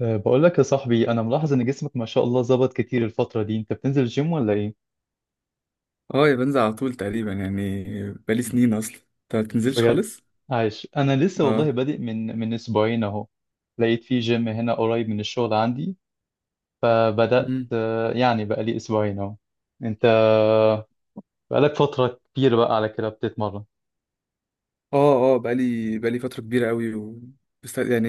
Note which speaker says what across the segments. Speaker 1: بقول لك يا صاحبي انا ملاحظ ان جسمك ما شاء الله ظبط كتير الفتره دي، انت بتنزل الجيم ولا ايه؟
Speaker 2: اه، يا بنزل على طول تقريبا يعني بقالي سنين اصلا. انت ما بتنزلش
Speaker 1: بجد
Speaker 2: خالص؟
Speaker 1: عايش انا لسه، والله
Speaker 2: اه.
Speaker 1: بادئ من اسبوعين اهو. لقيت في جيم هنا قريب من الشغل عندي، فبدات
Speaker 2: مم.
Speaker 1: يعني بقالي اسبوعين اهو. انت بقالك فتره كبيره بقى على كده بتتمرن؟
Speaker 2: اه، اه، بقالي فترة كبيرة قوي يعني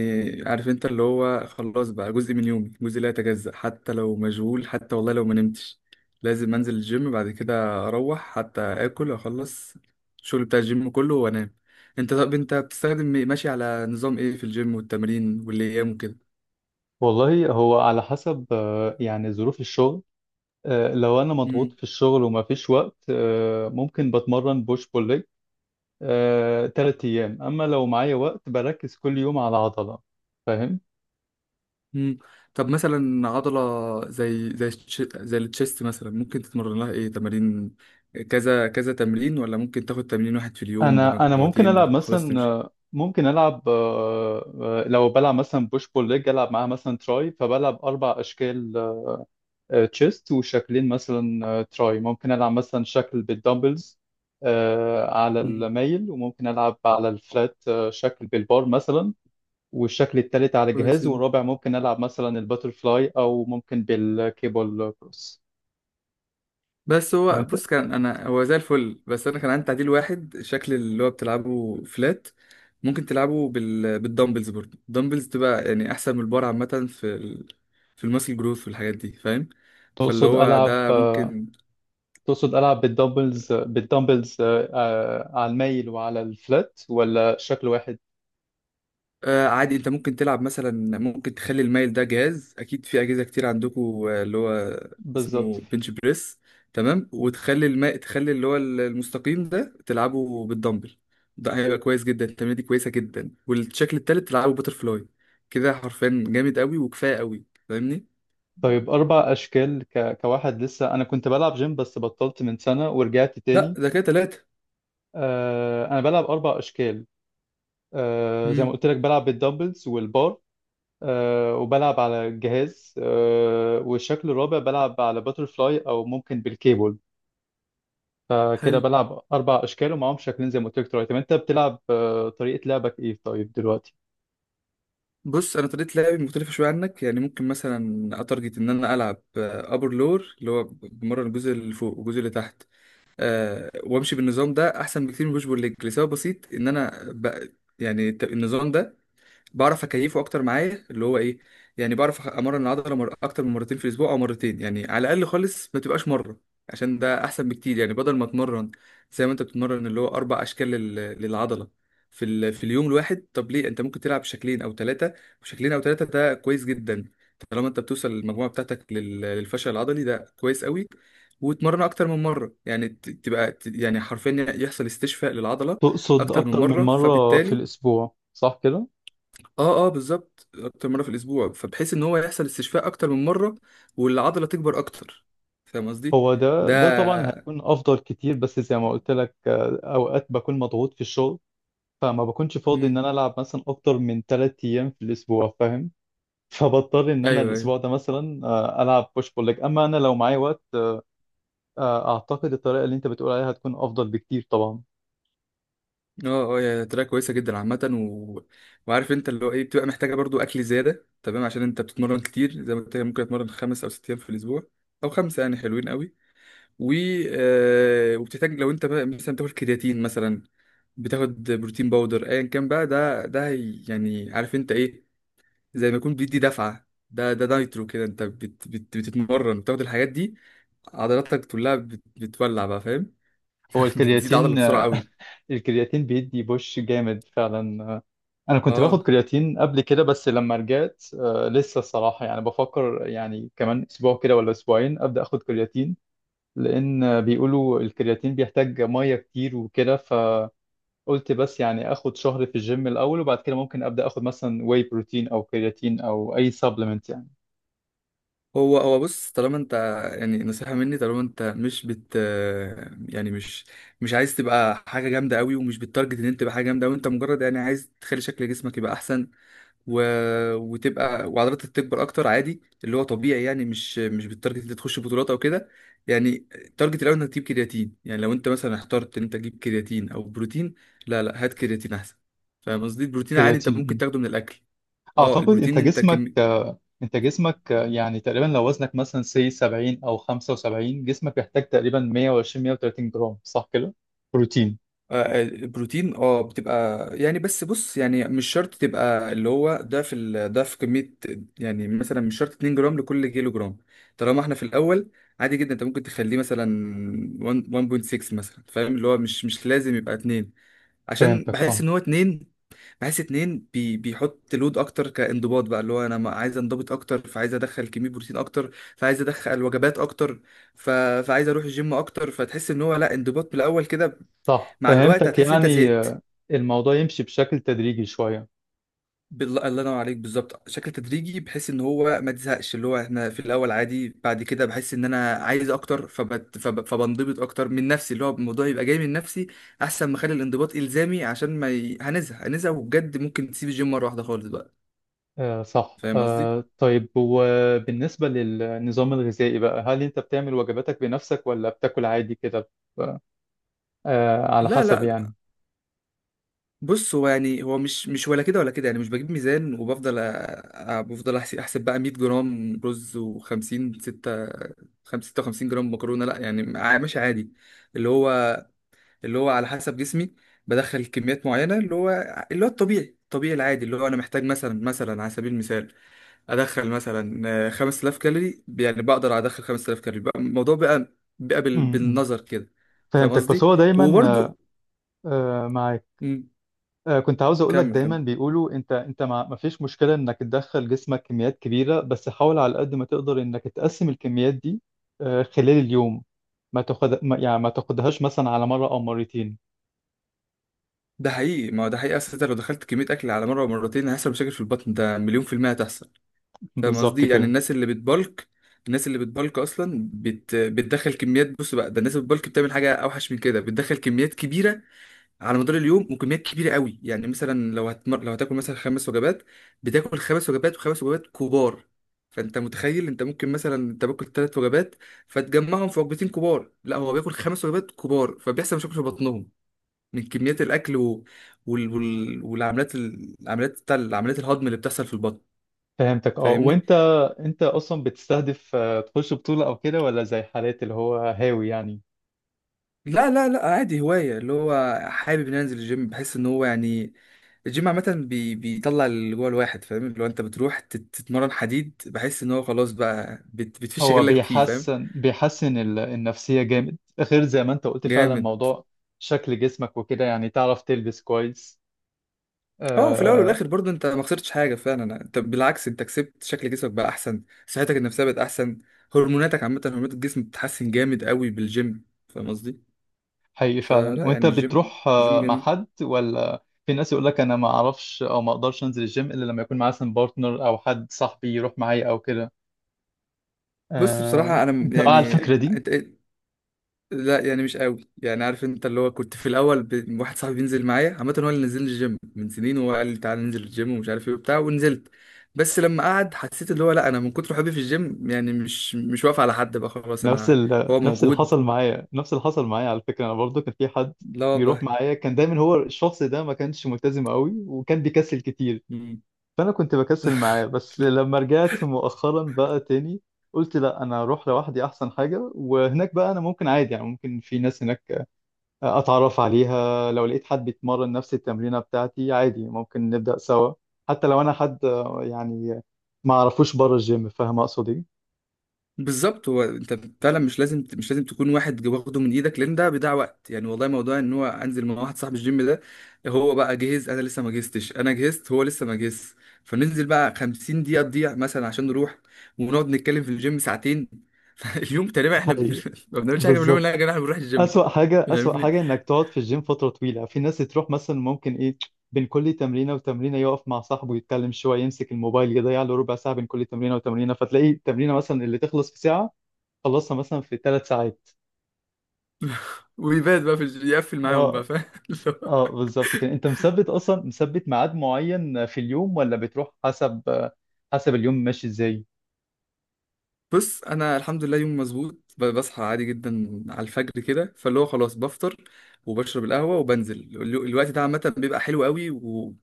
Speaker 2: عارف انت، اللي هو خلاص بقى جزء من يومي، جزء لا يتجزأ. حتى لو مشغول، حتى والله لو ما نمتش لازم انزل الجيم. بعد كده اروح حتى اكل، اخلص الشغل بتاع الجيم كله وانام. طب انت بتستخدم ماشي على نظام ايه في الجيم والتمرين والايام وكده؟
Speaker 1: والله هو على حسب يعني ظروف الشغل. لو انا مضغوط في الشغل وما فيش وقت، ممكن بتمرن بوش بول تلات أيام، أما لو معايا وقت بركز كل يوم على عضلة. فاهم؟
Speaker 2: مم. طب مثلا عضلة زي التشيست مثلا، ممكن تتمرن لها ايه تمارين؟ كذا كذا تمرين، ولا ممكن تاخد تمرين واحد في اليوم
Speaker 1: أنا ممكن
Speaker 2: بمجموعتين
Speaker 1: ألعب
Speaker 2: وخلاص
Speaker 1: مثلا
Speaker 2: تمشي؟
Speaker 1: آه، ممكن ألعب آه، آه، لو بلعب مثلا بوش بول ليج ألعب معاها مثلا تراي، فبلعب أربع أشكال: تشيست، وشكلين مثلا تراي. ممكن ألعب مثلا شكل بالدمبلز على
Speaker 2: مم.
Speaker 1: الميل، وممكن ألعب على الفلات شكل بالبار مثلا، والشكل التالت على
Speaker 2: كويس
Speaker 1: جهاز،
Speaker 2: جدا.
Speaker 1: والرابع ممكن ألعب مثلا الباترفلاي أو ممكن بالكيبل كروس.
Speaker 2: بس هو
Speaker 1: وانت،
Speaker 2: بص، كان انا هو زي الفل. بس انا كان عندي تعديل واحد، شكل اللي هو بتلعبه فلات ممكن تلعبه بالدمبلز، برضه الدمبلز تبقى يعني احسن من البار عامة في في الماسل جروث والحاجات دي. فاهم؟ فاللي
Speaker 1: تقصد
Speaker 2: هو
Speaker 1: ألعب
Speaker 2: ده ممكن.
Speaker 1: بالدمبلز على الميل وعلى الفلات، ولا شكل واحد؟
Speaker 2: آه عادي، انت ممكن تلعب مثلا، ممكن تخلي المايل ده جهاز، اكيد في اجهزه كتير عندكم، اللي هو
Speaker 1: بالظبط.
Speaker 2: اسمه بنش بريس. تمام، وتخلي الماء تخلي اللي هو المستقيم ده تلعبه بالدمبل. ده هيبقى كويس جدا، التمرينه دي كويسه جدا. والشكل التالت تلعبه باتر فلاي، كده حرفيا جامد قوي وكفايه قوي. فاهمني؟
Speaker 1: طيب أربع أشكال كواحد لسه أنا كنت بلعب جيم بس بطلت من سنة ورجعت
Speaker 2: لا،
Speaker 1: تاني.
Speaker 2: ده كده تلاته.
Speaker 1: أنا بلعب أربع أشكال، زي ما
Speaker 2: امم.
Speaker 1: قلت لك بلعب بالدمبلز والبار، وبلعب على الجهاز، والشكل الرابع بلعب على باترفلاي أو ممكن بالكيبل. فكده
Speaker 2: حلو،
Speaker 1: بلعب اربع اشكال ومعاهم شكلين زي ما قلت لك دلوقتي. طب انت بتلعب، طريقه لعبك ايه طيب دلوقتي؟
Speaker 2: بص انا طريقه لعبي مختلفه شويه عنك. يعني ممكن مثلا اتارجت ان انا العب ابر لور، اللي هو بمرن الجزء اللي فوق والجزء اللي تحت، وامشي بالنظام ده احسن بكتير من بوش بول ليج. لسبب بسيط ان انا يعني النظام ده بعرف اكيفه اكتر معايا، اللي هو ايه يعني، بعرف امرن العضله اكتر من مرتين في الاسبوع، او مرتين يعني على الاقل، خالص ما تبقاش مره. عشان ده احسن بكتير. يعني بدل ما اتمرن زي ما انت بتتمرن، اللي هو اربع اشكال للعضله في في اليوم الواحد، طب ليه؟ انت ممكن تلعب شكلين او ثلاثه. شكلين او ثلاثه ده كويس جدا طالما انت بتوصل المجموعه بتاعتك للفشل العضلي، ده كويس قوي. وتمرن اكتر من مره، يعني تبقى يعني حرفيا يحصل استشفاء للعضله
Speaker 1: تقصد
Speaker 2: اكتر من
Speaker 1: اكتر من
Speaker 2: مره
Speaker 1: مره في
Speaker 2: فبالتالي.
Speaker 1: الاسبوع، صح كده؟
Speaker 2: اه، اه، بالظبط، اكتر مره في الاسبوع، فبحيث ان هو يحصل استشفاء اكتر من مره والعضله تكبر اكتر. فاهم قصدي؟
Speaker 1: هو ده طبعا
Speaker 2: ده
Speaker 1: هيكون افضل كتير، بس زي ما قلت لك اوقات بكون مضغوط في الشغل، فما بكونش فاضي ان
Speaker 2: امم.
Speaker 1: انا العب مثلا اكتر من ثلاث ايام في الاسبوع، فاهم؟ فبضطر ان انا
Speaker 2: ايوه، ايوه،
Speaker 1: الاسبوع ده مثلا العب بوش بول ليج، اما انا لو معايا وقت اعتقد الطريقه اللي انت بتقول عليها هتكون افضل بكتير طبعا.
Speaker 2: اه، اه، هي طريقه كويسه جدا عامه. وعارف انت، اللي هو ايه، بتبقى محتاجه برضو اكل زياده. تمام عشان انت بتتمرن كتير، زي ما قلت لك ممكن اتمرن 5 او 6 ايام في الاسبوع، او خمسه، يعني حلوين قوي. و آه وبتحتاج لو انت بقى مثلا بتاخد كرياتين، مثلا بتاخد بروتين باودر، ايا كان بقى. يعني عارف انت ايه، زي ما يكون بيدي دفعة. ده نايترو كده، انت بت بت بتتمرن بتاخد الحاجات دي، عضلاتك كلها بتولع بقى. فاهم؟
Speaker 1: هو
Speaker 2: بتزيد عضلة
Speaker 1: الكرياتين
Speaker 2: بسرعة قوي.
Speaker 1: الكرياتين بيدي بوش جامد فعلا. انا كنت باخد
Speaker 2: اه.
Speaker 1: كرياتين قبل كده، بس لما رجعت لسه الصراحه يعني بفكر، يعني كمان اسبوع كده ولا اسبوعين ابدا اخد كرياتين، لان بيقولوا الكرياتين بيحتاج ميه كتير وكده، فقلت بس يعني اخد شهر في الجيم الاول، وبعد كده ممكن ابدا اخد مثلا واي بروتين او كرياتين او اي سبلمنت يعني.
Speaker 2: هو هو بص، طالما انت يعني نصيحة مني، طالما انت مش بت يعني مش عايز تبقى حاجة جامدة قوي ومش بتارجت ان انت تبقى حاجة جامدة، وانت مجرد يعني عايز تخلي شكل جسمك يبقى احسن و... وتبقى وعضلاتك تكبر اكتر، عادي اللي هو طبيعي يعني. مش بالتارجت اللي تخش بطولات او كده. يعني التارجت الاول انك تجيب كرياتين، يعني لو انت مثلا اخترت ان انت تجيب كرياتين او بروتين، لا لا، هات كرياتين احسن. فاهم قصدي؟ البروتين عادي انت ممكن
Speaker 1: كرياتين.
Speaker 2: تاخده من الاكل. اه،
Speaker 1: اعتقد
Speaker 2: البروتين انت كم...
Speaker 1: انت جسمك، يعني تقريبا لو وزنك مثلا سي 70 او 75، جسمك بيحتاج تقريبا 120 130 جرام، صح كده؟ بروتين.
Speaker 2: آه، البروتين اه بتبقى يعني. بس بص يعني، مش شرط تبقى اللي هو ضعف ضعف كمية. يعني مثلا مش شرط 2 جرام لكل كيلو جرام. طالما احنا في الأول، عادي جدا انت ممكن تخليه مثلا 1، 1.6 مثلا، فاهم؟ اللي هو مش لازم يبقى 2. عشان
Speaker 1: فهمتك،
Speaker 2: بحس
Speaker 1: اه.
Speaker 2: ان هو 2، بحس 2 بي بيحط لود اكتر كانضباط بقى. اللي هو انا عايز انضبط اكتر، فعايز ادخل كمية بروتين اكتر، فعايز ادخل وجبات اكتر، ف... فعايز اروح الجيم اكتر. فتحس ان هو لا، انضباط بالاول كده.
Speaker 1: صح،
Speaker 2: مع الوقت
Speaker 1: فهمتك
Speaker 2: هتحس ان انت
Speaker 1: يعني.
Speaker 2: زهقت.
Speaker 1: الموضوع يمشي بشكل تدريجي شوية.
Speaker 2: بالله، الله ينور عليك، بالظبط شكل تدريجي بحيث ان هو ما تزهقش. اللي هو احنا في الاول عادي، بعد كده بحس ان انا عايز اكتر، فبت فب فبنضبط اكتر من نفسي، اللي هو الموضوع يبقى جاي من نفسي. احسن ما اخلي الانضباط الزامي، عشان ما هنزهق وبجد ممكن تسيب الجيم مره واحده خالص بقى.
Speaker 1: آه صح.
Speaker 2: فاهم قصدي؟
Speaker 1: آه طيب، وبالنسبة للنظام الغذائي بقى، هل انت بتعمل وجباتك بنفسك ولا بتاكل عادي كده؟ آه، على
Speaker 2: لا
Speaker 1: حسب
Speaker 2: لا،
Speaker 1: يعني.
Speaker 2: بص هو يعني هو مش ولا كده ولا كده. يعني مش بجيب ميزان وبفضل بفضل احسب بقى 100 جرام رز و50 6، 56 جرام مكرونه، لا يعني. ماشي عادي، اللي هو على حسب جسمي بدخل كميات معينه. اللي هو الطبيعي الطبيعي العادي، اللي هو انا محتاج مثلا، على سبيل المثال ادخل مثلا 5000 كالوري. يعني بقدر ادخل 5000 كالوري بقى، الموضوع بقى
Speaker 1: م- م.
Speaker 2: بالنظر كده. فاهم
Speaker 1: فهمتك، بس
Speaker 2: قصدي؟
Speaker 1: هو دايما
Speaker 2: وبرده.
Speaker 1: معاك. كنت عاوز اقول لك،
Speaker 2: كمل
Speaker 1: دايما
Speaker 2: كمل،
Speaker 1: بيقولوا انت، انت ما فيش مشكله انك تدخل جسمك كميات كبيره، بس حاول على قد ما تقدر انك تقسم الكميات دي خلال اليوم. ما تاخد ما- يعني ما تاخدهاش مثلا على مره او مرتين.
Speaker 2: ده حقيقي. ما هو ده حقيقي اصل، انت لو دخلت كميه اكل على مره ومرتين هيحصل مشاكل في البطن. ده مليون في الميه هتحصل. فاهم
Speaker 1: بالظبط
Speaker 2: قصدي؟ يعني
Speaker 1: كده.
Speaker 2: الناس اللي بتبلك اصلا بتدخل كميات. بص بقى، ده الناس اللي بتبلك بتعمل حاجه اوحش من كده، بتدخل كميات كبيره على مدار اليوم وكميات كبيره قوي. يعني مثلا لو هتاكل مثلا خمس وجبات، بتاكل خمس وجبات وخمس وجبات كبار. فانت متخيل، انت ممكن مثلا انت باكل ثلاث وجبات فتجمعهم في وجبتين كبار، لا، هو بياكل خمس وجبات كبار. فبيحصل مشاكل في بطنهم من كميات الاكل والعمليات العمليات الهضم اللي بتحصل في البطن.
Speaker 1: فهمتك اه.
Speaker 2: فاهمني؟
Speaker 1: وانت، انت اصلا بتستهدف تخش بطوله او كده، ولا زي حالات اللي هو هاوي يعني؟
Speaker 2: لا لا لا، عادي هوايه. اللي هو حابب ان انزل الجيم، بحس ان هو يعني الجيم عامه بيطلع اللي جوه الواحد. فاهم؟ اللي هو انت بتروح تتمرن حديد، بحس ان هو خلاص بقى بتفش
Speaker 1: هو
Speaker 2: غلك فيه. فاهم؟
Speaker 1: بيحسن النفسيه جامد، غير زي ما انت قلت فعلا
Speaker 2: جامد.
Speaker 1: موضوع شكل جسمك وكده، يعني تعرف تلبس كويس.
Speaker 2: اه، في الاول
Speaker 1: آه،
Speaker 2: والاخر برضه انت ما خسرتش حاجه فعلا، انت بالعكس انت كسبت شكل جسمك بقى احسن، صحتك النفسيه بقت احسن، هرموناتك عامه هرمونات الجسم بتتحسن جامد قوي بالجيم. فاهم قصدي؟
Speaker 1: حقيقي فعلا.
Speaker 2: فلا
Speaker 1: وانت
Speaker 2: يعني الجيم
Speaker 1: بتروح
Speaker 2: الجيم
Speaker 1: مع
Speaker 2: جميل.
Speaker 1: حد، ولا في ناس يقول لك انا ما اعرفش او ما اقدرش انزل الجيم الا لما يكون معايا مثلا بارتنر او حد صاحبي يروح معايا او كده؟
Speaker 2: بص بصراحة أنا
Speaker 1: انت مع
Speaker 2: يعني
Speaker 1: الفكره دي؟
Speaker 2: لا يعني مش قوي. يعني عارف أنت، اللي هو كنت في الأول واحد صاحبي بينزل معايا عامة، هو اللي نزل الجيم من سنين، وهو قال لي تعالى ننزل الجيم ومش عارف إيه وبتاع ونزلت. بس لما قعد حسيت اللي هو لا، أنا من كتر حبي في الجيم يعني مش واقف على حد بقى. خلاص أنا. هو
Speaker 1: نفس اللي
Speaker 2: موجود،
Speaker 1: حصل معايا، نفس اللي حصل معايا على فكره، انا برضو كان في حد
Speaker 2: لا
Speaker 1: بيروح
Speaker 2: والله،
Speaker 1: معايا، كان دايما. هو الشخص ده ما كانش ملتزم قوي وكان بيكسل كتير، فانا كنت بكسل معاه. بس لما رجعت مؤخرا بقى تاني قلت لا، انا اروح لوحدي احسن حاجه، وهناك بقى انا ممكن عادي يعني، ممكن في ناس هناك اتعرف عليها، لو لقيت حد بيتمرن نفس التمرينة بتاعتي عادي ممكن نبدأ سوا، حتى لو انا حد يعني ما اعرفوش بره الجيم. فاهم اقصد ايه؟
Speaker 2: بالظبط. هو انت فعلا مش لازم، مش لازم تكون واحد واخده من ايدك، لان ده بيضيع وقت. يعني والله موضوع ان هو انزل مع واحد صاحب الجيم، ده هو بقى جهز انا لسه ما جهزتش، انا جهزت هو لسه ما جهزش. فننزل بقى 50 دقيقة تضيع مثلا عشان نروح ونقعد نتكلم في الجيم ساعتين. فاليوم تقريبا احنا
Speaker 1: حقيقي.
Speaker 2: ما بنعملش حاجة في اليوم. لا
Speaker 1: بالظبط.
Speaker 2: يا جماعة احنا بنروح الجيم.
Speaker 1: اسوأ حاجة، اسوأ
Speaker 2: فاهمني؟
Speaker 1: حاجة انك تقعد في الجيم فترة طويلة. في ناس تروح مثلا ممكن ايه، بين كل تمرينة وتمرينة يقف مع صاحبه يتكلم شوية، يمسك الموبايل يضيع له ربع ساعة بين كل تمرينة وتمرينة، فتلاقي التمرينة مثلا اللي تخلص في ساعة خلصها مثلا في ثلاث ساعات.
Speaker 2: ويبات بقى في يقفل معاهم
Speaker 1: اه
Speaker 2: بقى. فاهم؟
Speaker 1: اه، بالظبط كده. انت مثبت اصلا، مثبت ميعاد معين في اليوم ولا بتروح حسب، حسب اليوم ماشي ازاي؟
Speaker 2: بص انا الحمد لله، يوم مظبوط. بصحى عادي جدا على الفجر كده، فاللي هو خلاص بفطر وبشرب القهوه وبنزل الوقت ده عامه بيبقى حلو قوي.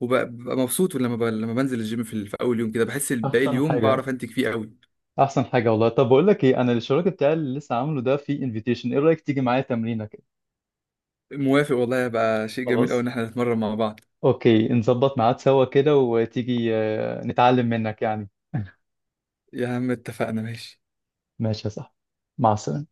Speaker 2: وببقى مبسوط لما لما بنزل الجيم في، في اول يوم كده بحس باقي
Speaker 1: احسن
Speaker 2: اليوم
Speaker 1: حاجه،
Speaker 2: بعرف انتج فيه قوي.
Speaker 1: احسن حاجه والله. طب بقول لك ايه، انا الشراكه بتاعي اللي لسه عامله ده في انفيتيشن، ايه رايك تيجي معايا تمرينه كده؟
Speaker 2: موافق والله، هيبقى شيء جميل قوي
Speaker 1: خلاص
Speaker 2: ان احنا نتمرن مع بعض.
Speaker 1: اوكي، نظبط ميعاد سوا كده وتيجي نتعلم منك يعني.
Speaker 2: يا عم اتفقنا، ماشي.
Speaker 1: ماشي يا صاحبي، مع السلامه.